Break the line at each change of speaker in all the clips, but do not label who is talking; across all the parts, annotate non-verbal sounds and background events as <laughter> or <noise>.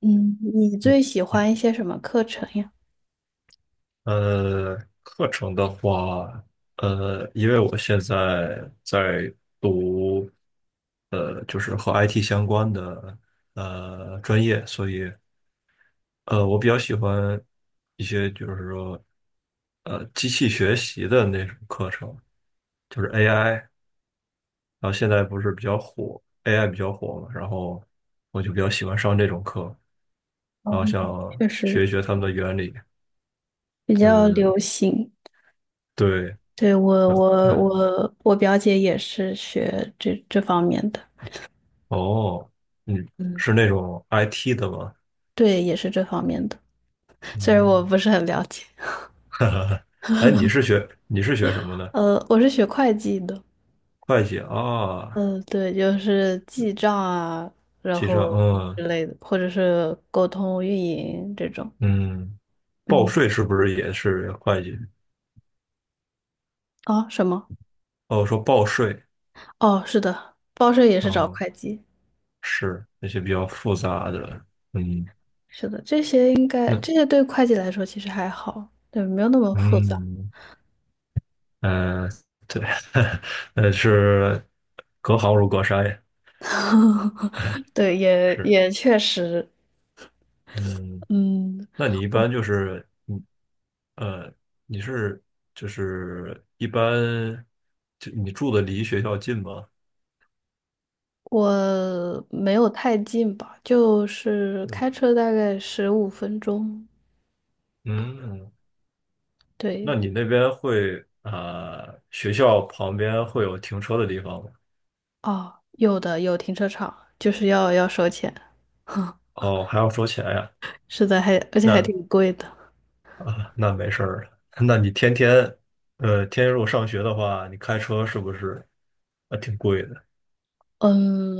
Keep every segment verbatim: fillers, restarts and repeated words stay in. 嗯，你最喜欢一些什么课程呀？
呃，课程的话，呃，因为我现在在读，呃，就是和 I T 相关的呃专业，所以呃，我比较喜欢一些就是说，呃，机器学习的那种课程，就是 A I，然后现在不是比较火，A I 比较火嘛，然后我就比较喜欢上这种课，然后
嗯，
想
确
学一
实
学他们的原理。
比较
嗯，
流行。
对。
对，我，
嗯。
我，
嗯。
我，我表姐也是学这这方面的。
哦。嗯，
嗯，
是那种 I T 的吗？
对，也是这方面的，虽然我
嗯。
不是很了解。
<laughs> 哈哈哈。哎，你是学你是学什么的？
呃，我是学会计的。
会计啊。
嗯，对，就是记账啊，然
记账。
后
嗯，
之类的，或者是沟通运营这种。
嗯。报
嗯，
税是不是也是会计？
啊，什么？
哦，说报税。
哦，是的，报社也是找
哦，
会计。
是那些比较复杂的。嗯。
是的，这些应该这
那
些对会计来说其实还好，对，没有那么复杂。
嗯呃，对。<laughs> 呃是隔行如隔山呀。<laughs>
<laughs> 对，也
是。
也确实。
嗯。
嗯，
那你一般
我
就是呃，你是就是一般，就你住的离学校近吗？
我没有太近吧，就是
嗯，
开车大概十五分钟。
嗯。
对，
那你那边会啊学校旁边会有停车的地方吗？
哦，有的有停车场，就是要要收钱，
哦，还要收钱呀？
是的，还而且还
那
挺贵的。
啊，那没事儿了。 <laughs> 那你天天呃天天如果上学的话，你开车是不是啊挺贵的？
嗯，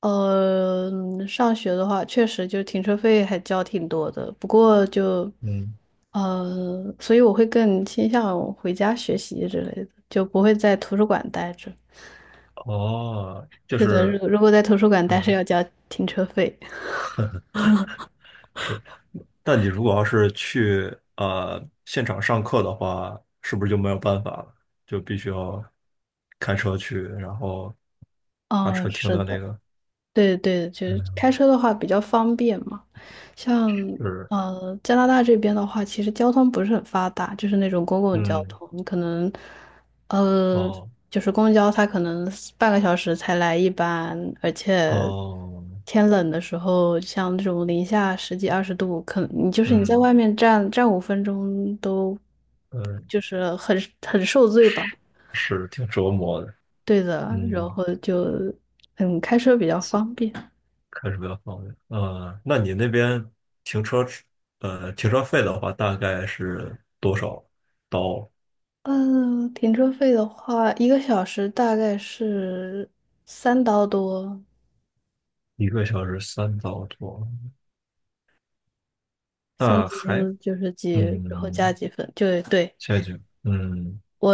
呃，上学的话，确实就停车费还交挺多的，不过就，
嗯。
呃，所以我会更倾向回家学习之类的，就不会在图书馆待着。
哦，就
是的，
是
如如果在图书馆待着
嗯。
要交停车费。
是。但你如果要是去呃现场上课的话，是不是就没有办法了？就必须要开车去，然后把
哦，
车停
是
到那
的。
个。
对对，就是开车的话比较方便嘛。像
是。
呃加拿大这边的话，其实交通不是很发达，就是那种公共交
嗯。
通，你可能呃
哦。
就是公交它可能半个小时才来一班，而且
哦。
天冷的时候，像这种零下十几二十度，可你就是你在
嗯。
外面站站五分钟都
嗯。
就是很很受罪吧。
是，是挺折磨的。
对的，然
嗯，
后就嗯开车比较方便。
开车比较方便。呃，那你那边停车，呃，停车费的话大概是多少刀？
嗯，停车费的话，一个小时大概是三刀多，
一个小时三刀多。
三
那
刀
还，
多就是几，然后加
嗯。
几分，就对，
陷阱。嗯。
我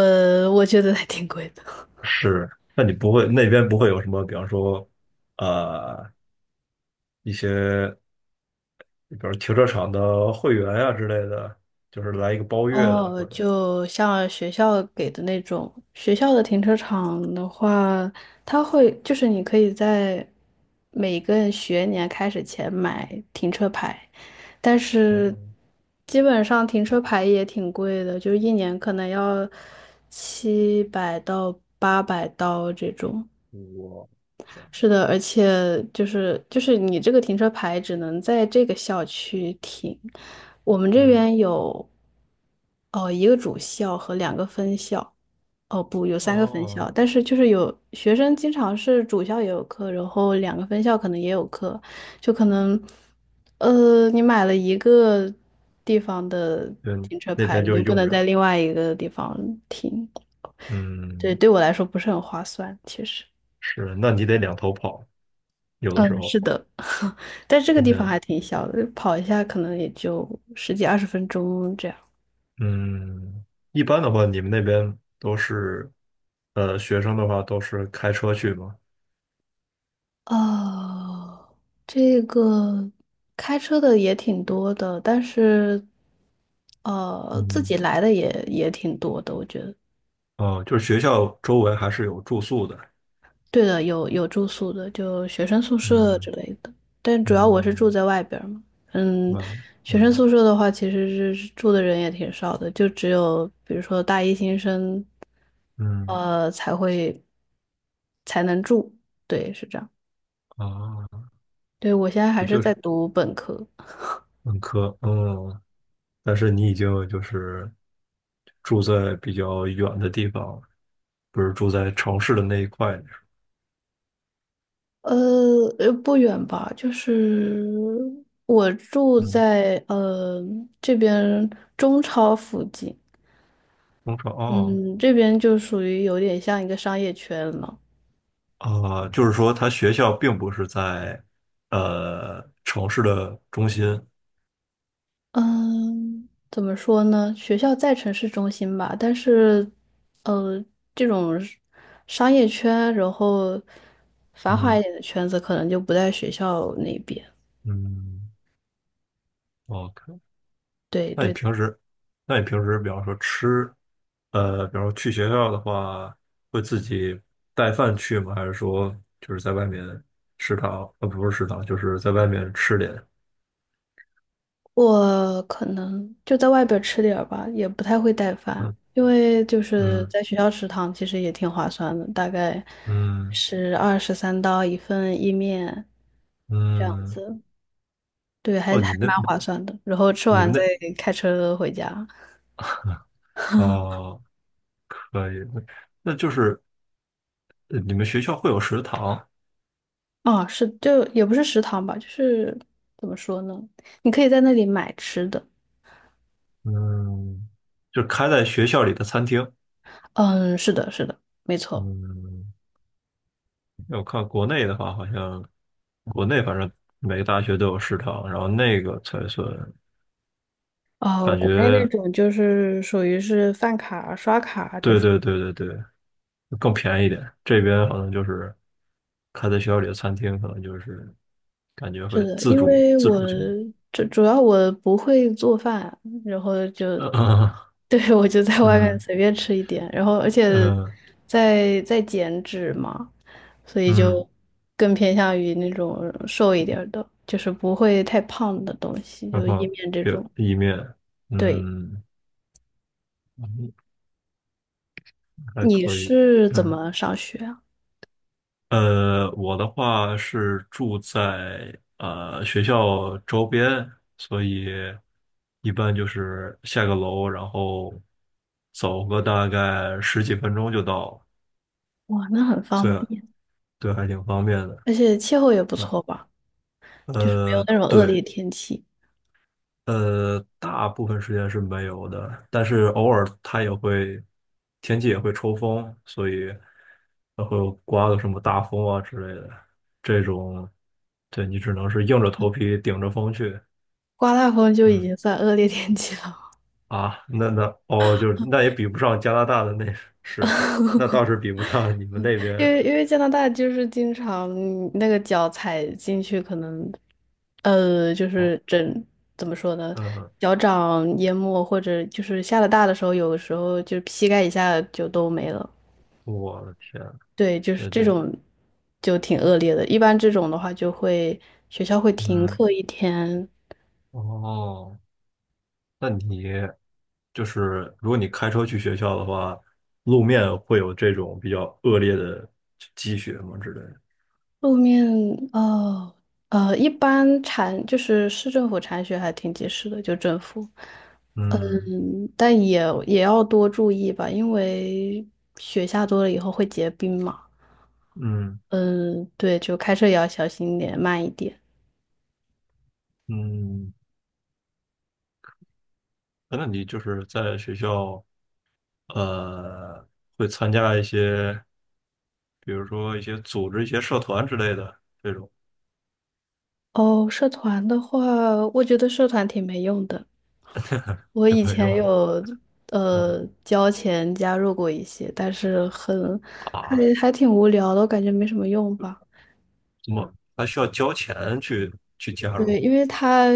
我觉得还挺贵的。
是。那你不会那边不会有什么，比方说，呃，一些，比如停车场的会员啊之类的，就是来一个包月的，
哦，
或者，
就像学校给的那种，学校的停车场的话，它会就是你可以在每个学年开始前买停车牌，但是
嗯，
基本上停车牌也挺贵的，就是一年可能要七百到八百刀这种。
我
是的，而且就是就是你这个停车牌只能在这个校区停，我们这
嗯，
边有哦一个主校和两个分校，哦不，有三个分
哦，
校，但是就是有学生经常是主校也有课，然后两个分校可能也有课，就可能呃你买了一个地方的
对，
停车
那
牌，
边
你
就
就不
用不
能在
了。
另外一个地方停，对，
嗯。
对我来说不是很划算，其实。
是，那你得两头跑，有的时
嗯，
候。
是的。但这个
我
地
也
方还挺小的，跑一下可能也就十几二十分钟这样。
嗯，一般的话，你们那边都是，呃，学生的话都是开车去吗？
哦，这个开车的也挺多的，但是呃，自
嗯。
己来的也也挺多的，我觉得。
哦，就是学校周围还是有住宿的。
对的，有有住宿的，就学生宿舍之
嗯，
类的。但主要我是住
嗯。
在外边儿嘛，嗯，
完了。
学生
嗯
宿舍的话，其实是住的人也挺少的，就只有比如说大一新生，
嗯
呃，才会才能住。对，是这样。
啊，
对，我现在还
也
是
就
在
是
读本科，
本科。嗯，但是你已经就是住在比较远的地方了，不是住在城市的那一块。
呃，呃不远吧，就是我住
嗯。
在呃这边中超附近。
中超哦。
嗯，这边就属于有点像一个商业圈了。
啊，就是说他学校并不是在呃城市的中心。
嗯，怎么说呢？学校在城市中心吧，但是，呃，这种是商业圈，然后繁华一
嗯，
点的圈子，可能就不在学校那边。
嗯，OK。
对
那你
对，
平时，那你平时，比方说吃，呃，比方说去学校的话，会自己带饭去吗？还是说就是在外面食堂，呃，不是食堂，就是在外面吃点？
我可能就在外边吃点儿吧，也不太会带饭，
嗯，
因为就是
嗯，
在学校食堂其实也挺划算的，大概
嗯，
是二十三刀一份意面这样
嗯。
子。对，还
哦，你
还蛮
们那
划算的。然后吃
你
完
们那
再开车回家。
哦。可以，那那就是呃你们学校会有食堂。
哦，是，就也不是食堂吧，就是怎么说呢？你可以在那里买吃的。
嗯，就开在学校里的餐厅。
嗯，是的，是的，没错。
嗯。我看国内的话，好像国内反正每个大学都有食堂，然后那个才算
哦，
感
国内那
觉。
种就是属于是饭卡、刷卡这
对，
种。
对，对，对，对，更便宜一点。这边好像就是开在学校里的餐厅，可能就是感觉
是
会
的，
自
因
主
为
自
我
主去买。
主主要我不会做饭，然后就
呃
<laughs> 对，我就在外面
嗯，
随便吃一点，然后而且
嗯，
在在减脂嘛，所以
嗯，
就更偏向于那种瘦一点儿的，就是不会太胖的东西，
然
就意
后
面这
比如
种。
意面。
对，
嗯，还
你
可以。
是怎
嗯。
么上学啊？
呃，我的话是住在呃学校周边，所以一般就是下个楼，然后走个大概十几分钟就到了，
哇，那很
所
方
以
便，
对，还挺方便的。
而且气候也不
嗯，
错吧，就是没有
呃，
那种恶劣
对。
天气。
呃，大部分时间是没有的，但是偶尔它也会，天气也会抽风，所以它会刮个什么大风啊之类的。这种，对你只能是硬着头皮顶着风去。
刮大风就已
嗯
经算恶劣天气了。
啊，那那哦，就是那也比不上加拿大的那。是，那倒是比不上你们那
因
边。
为因为加拿大就是经常你那个脚踩进去，可能呃，就
哦。
是整怎么说呢，
嗯。
脚掌淹没，或者就是下了大的时候，有的时候就是膝盖以下就都没了。
我的天。
对，就是
那
这
这。
种就挺恶劣的。一般这种的话，就会学校会停
嗯。
课一天。
哦。那你。就是如果你开车去学校的话，路面会有这种比较恶劣的积雪嘛之类的。
路面哦呃，一般铲就是市政府铲雪还挺及时的，就政府。
嗯，
嗯，但也也要多注意吧，因为雪下多了以后会结冰嘛。
嗯，
嗯，对，就开车也要小心一点，慢一点。
嗯。那你就是在学校呃会参加一些，比如说一些组织一些社团之类的这种
哦，社团的话，我觉得社团挺没用的。我
有
以
没有
前
呢？
有
嗯。
呃交钱加入过一些，但是很还
啊，
还挺无聊的，我感觉没什么用吧。
怎么还需要交钱去去加
对，
入？
因为它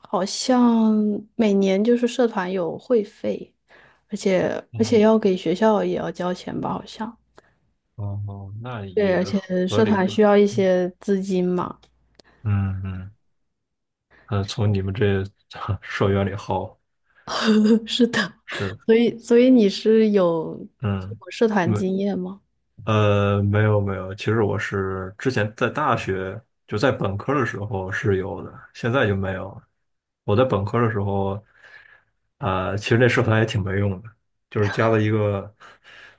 好像每年就是社团有会费，而且而且
嗯。
要给学校也要交钱吧，好像。
哦，那
对，
也
而且
合
社
理
团需
吧。
要一些资金嘛。
嗯，嗯，呃，从你们这 <laughs> 社员里薅。
<laughs> 是的，
是。
所以所以你是有这
嗯。
种社团
没，
经验吗？
呃，没有没有。其实我是之前在大学，就在本科的时候是有的，现在就没有了。我在本科的时候，啊、其实那社团也挺没用的，就是加了一个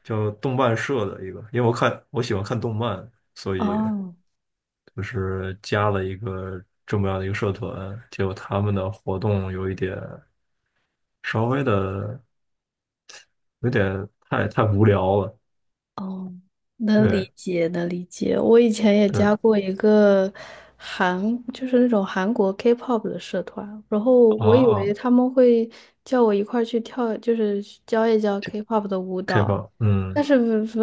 叫动漫社的一个，因为我看我喜欢看动漫，所以
哦
就是加了一个这么样的一个社团，结果他们的活动有一点稍微的有点太太无聊了。
哦，能
对。
理解，能理解。我以前也
嗯。
加过一个韩，就是那种韩国 K-pop 的社团，然后我以为
哦，
他们会叫我一块儿去跳，就是教一教
这
K-pop 的舞
开
蹈，
放。
但
嗯
是不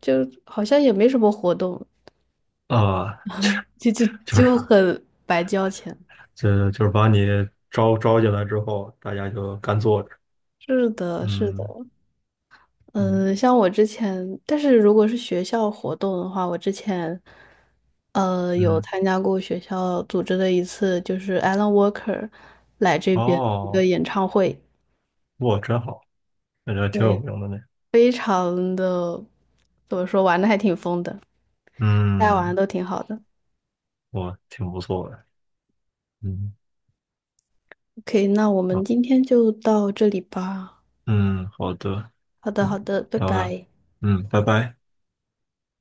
就好像也没什么活动，
啊，
就就
就是
就很白交钱。
就就是把你招招进来之后，大家就干坐着。
是的，是的，
嗯，嗯，
嗯，像我之前，但是如果是学校活动的话，我之前，呃，有
嗯。
参加过学校组织的一次，就是 Alan Walker 来这边的一个
哦。
演唱会，
哇，真好，感觉挺有
对，
名的呢。
非常的，怎么说，玩的还挺疯的，大家玩
嗯。
的都挺好的。
哇，挺不错的。嗯。
OK，那我们
啊。
今天就到这里吧。
嗯，好的。
好的，好
嗯。
的，拜
聊聊。
拜。
嗯，拜拜。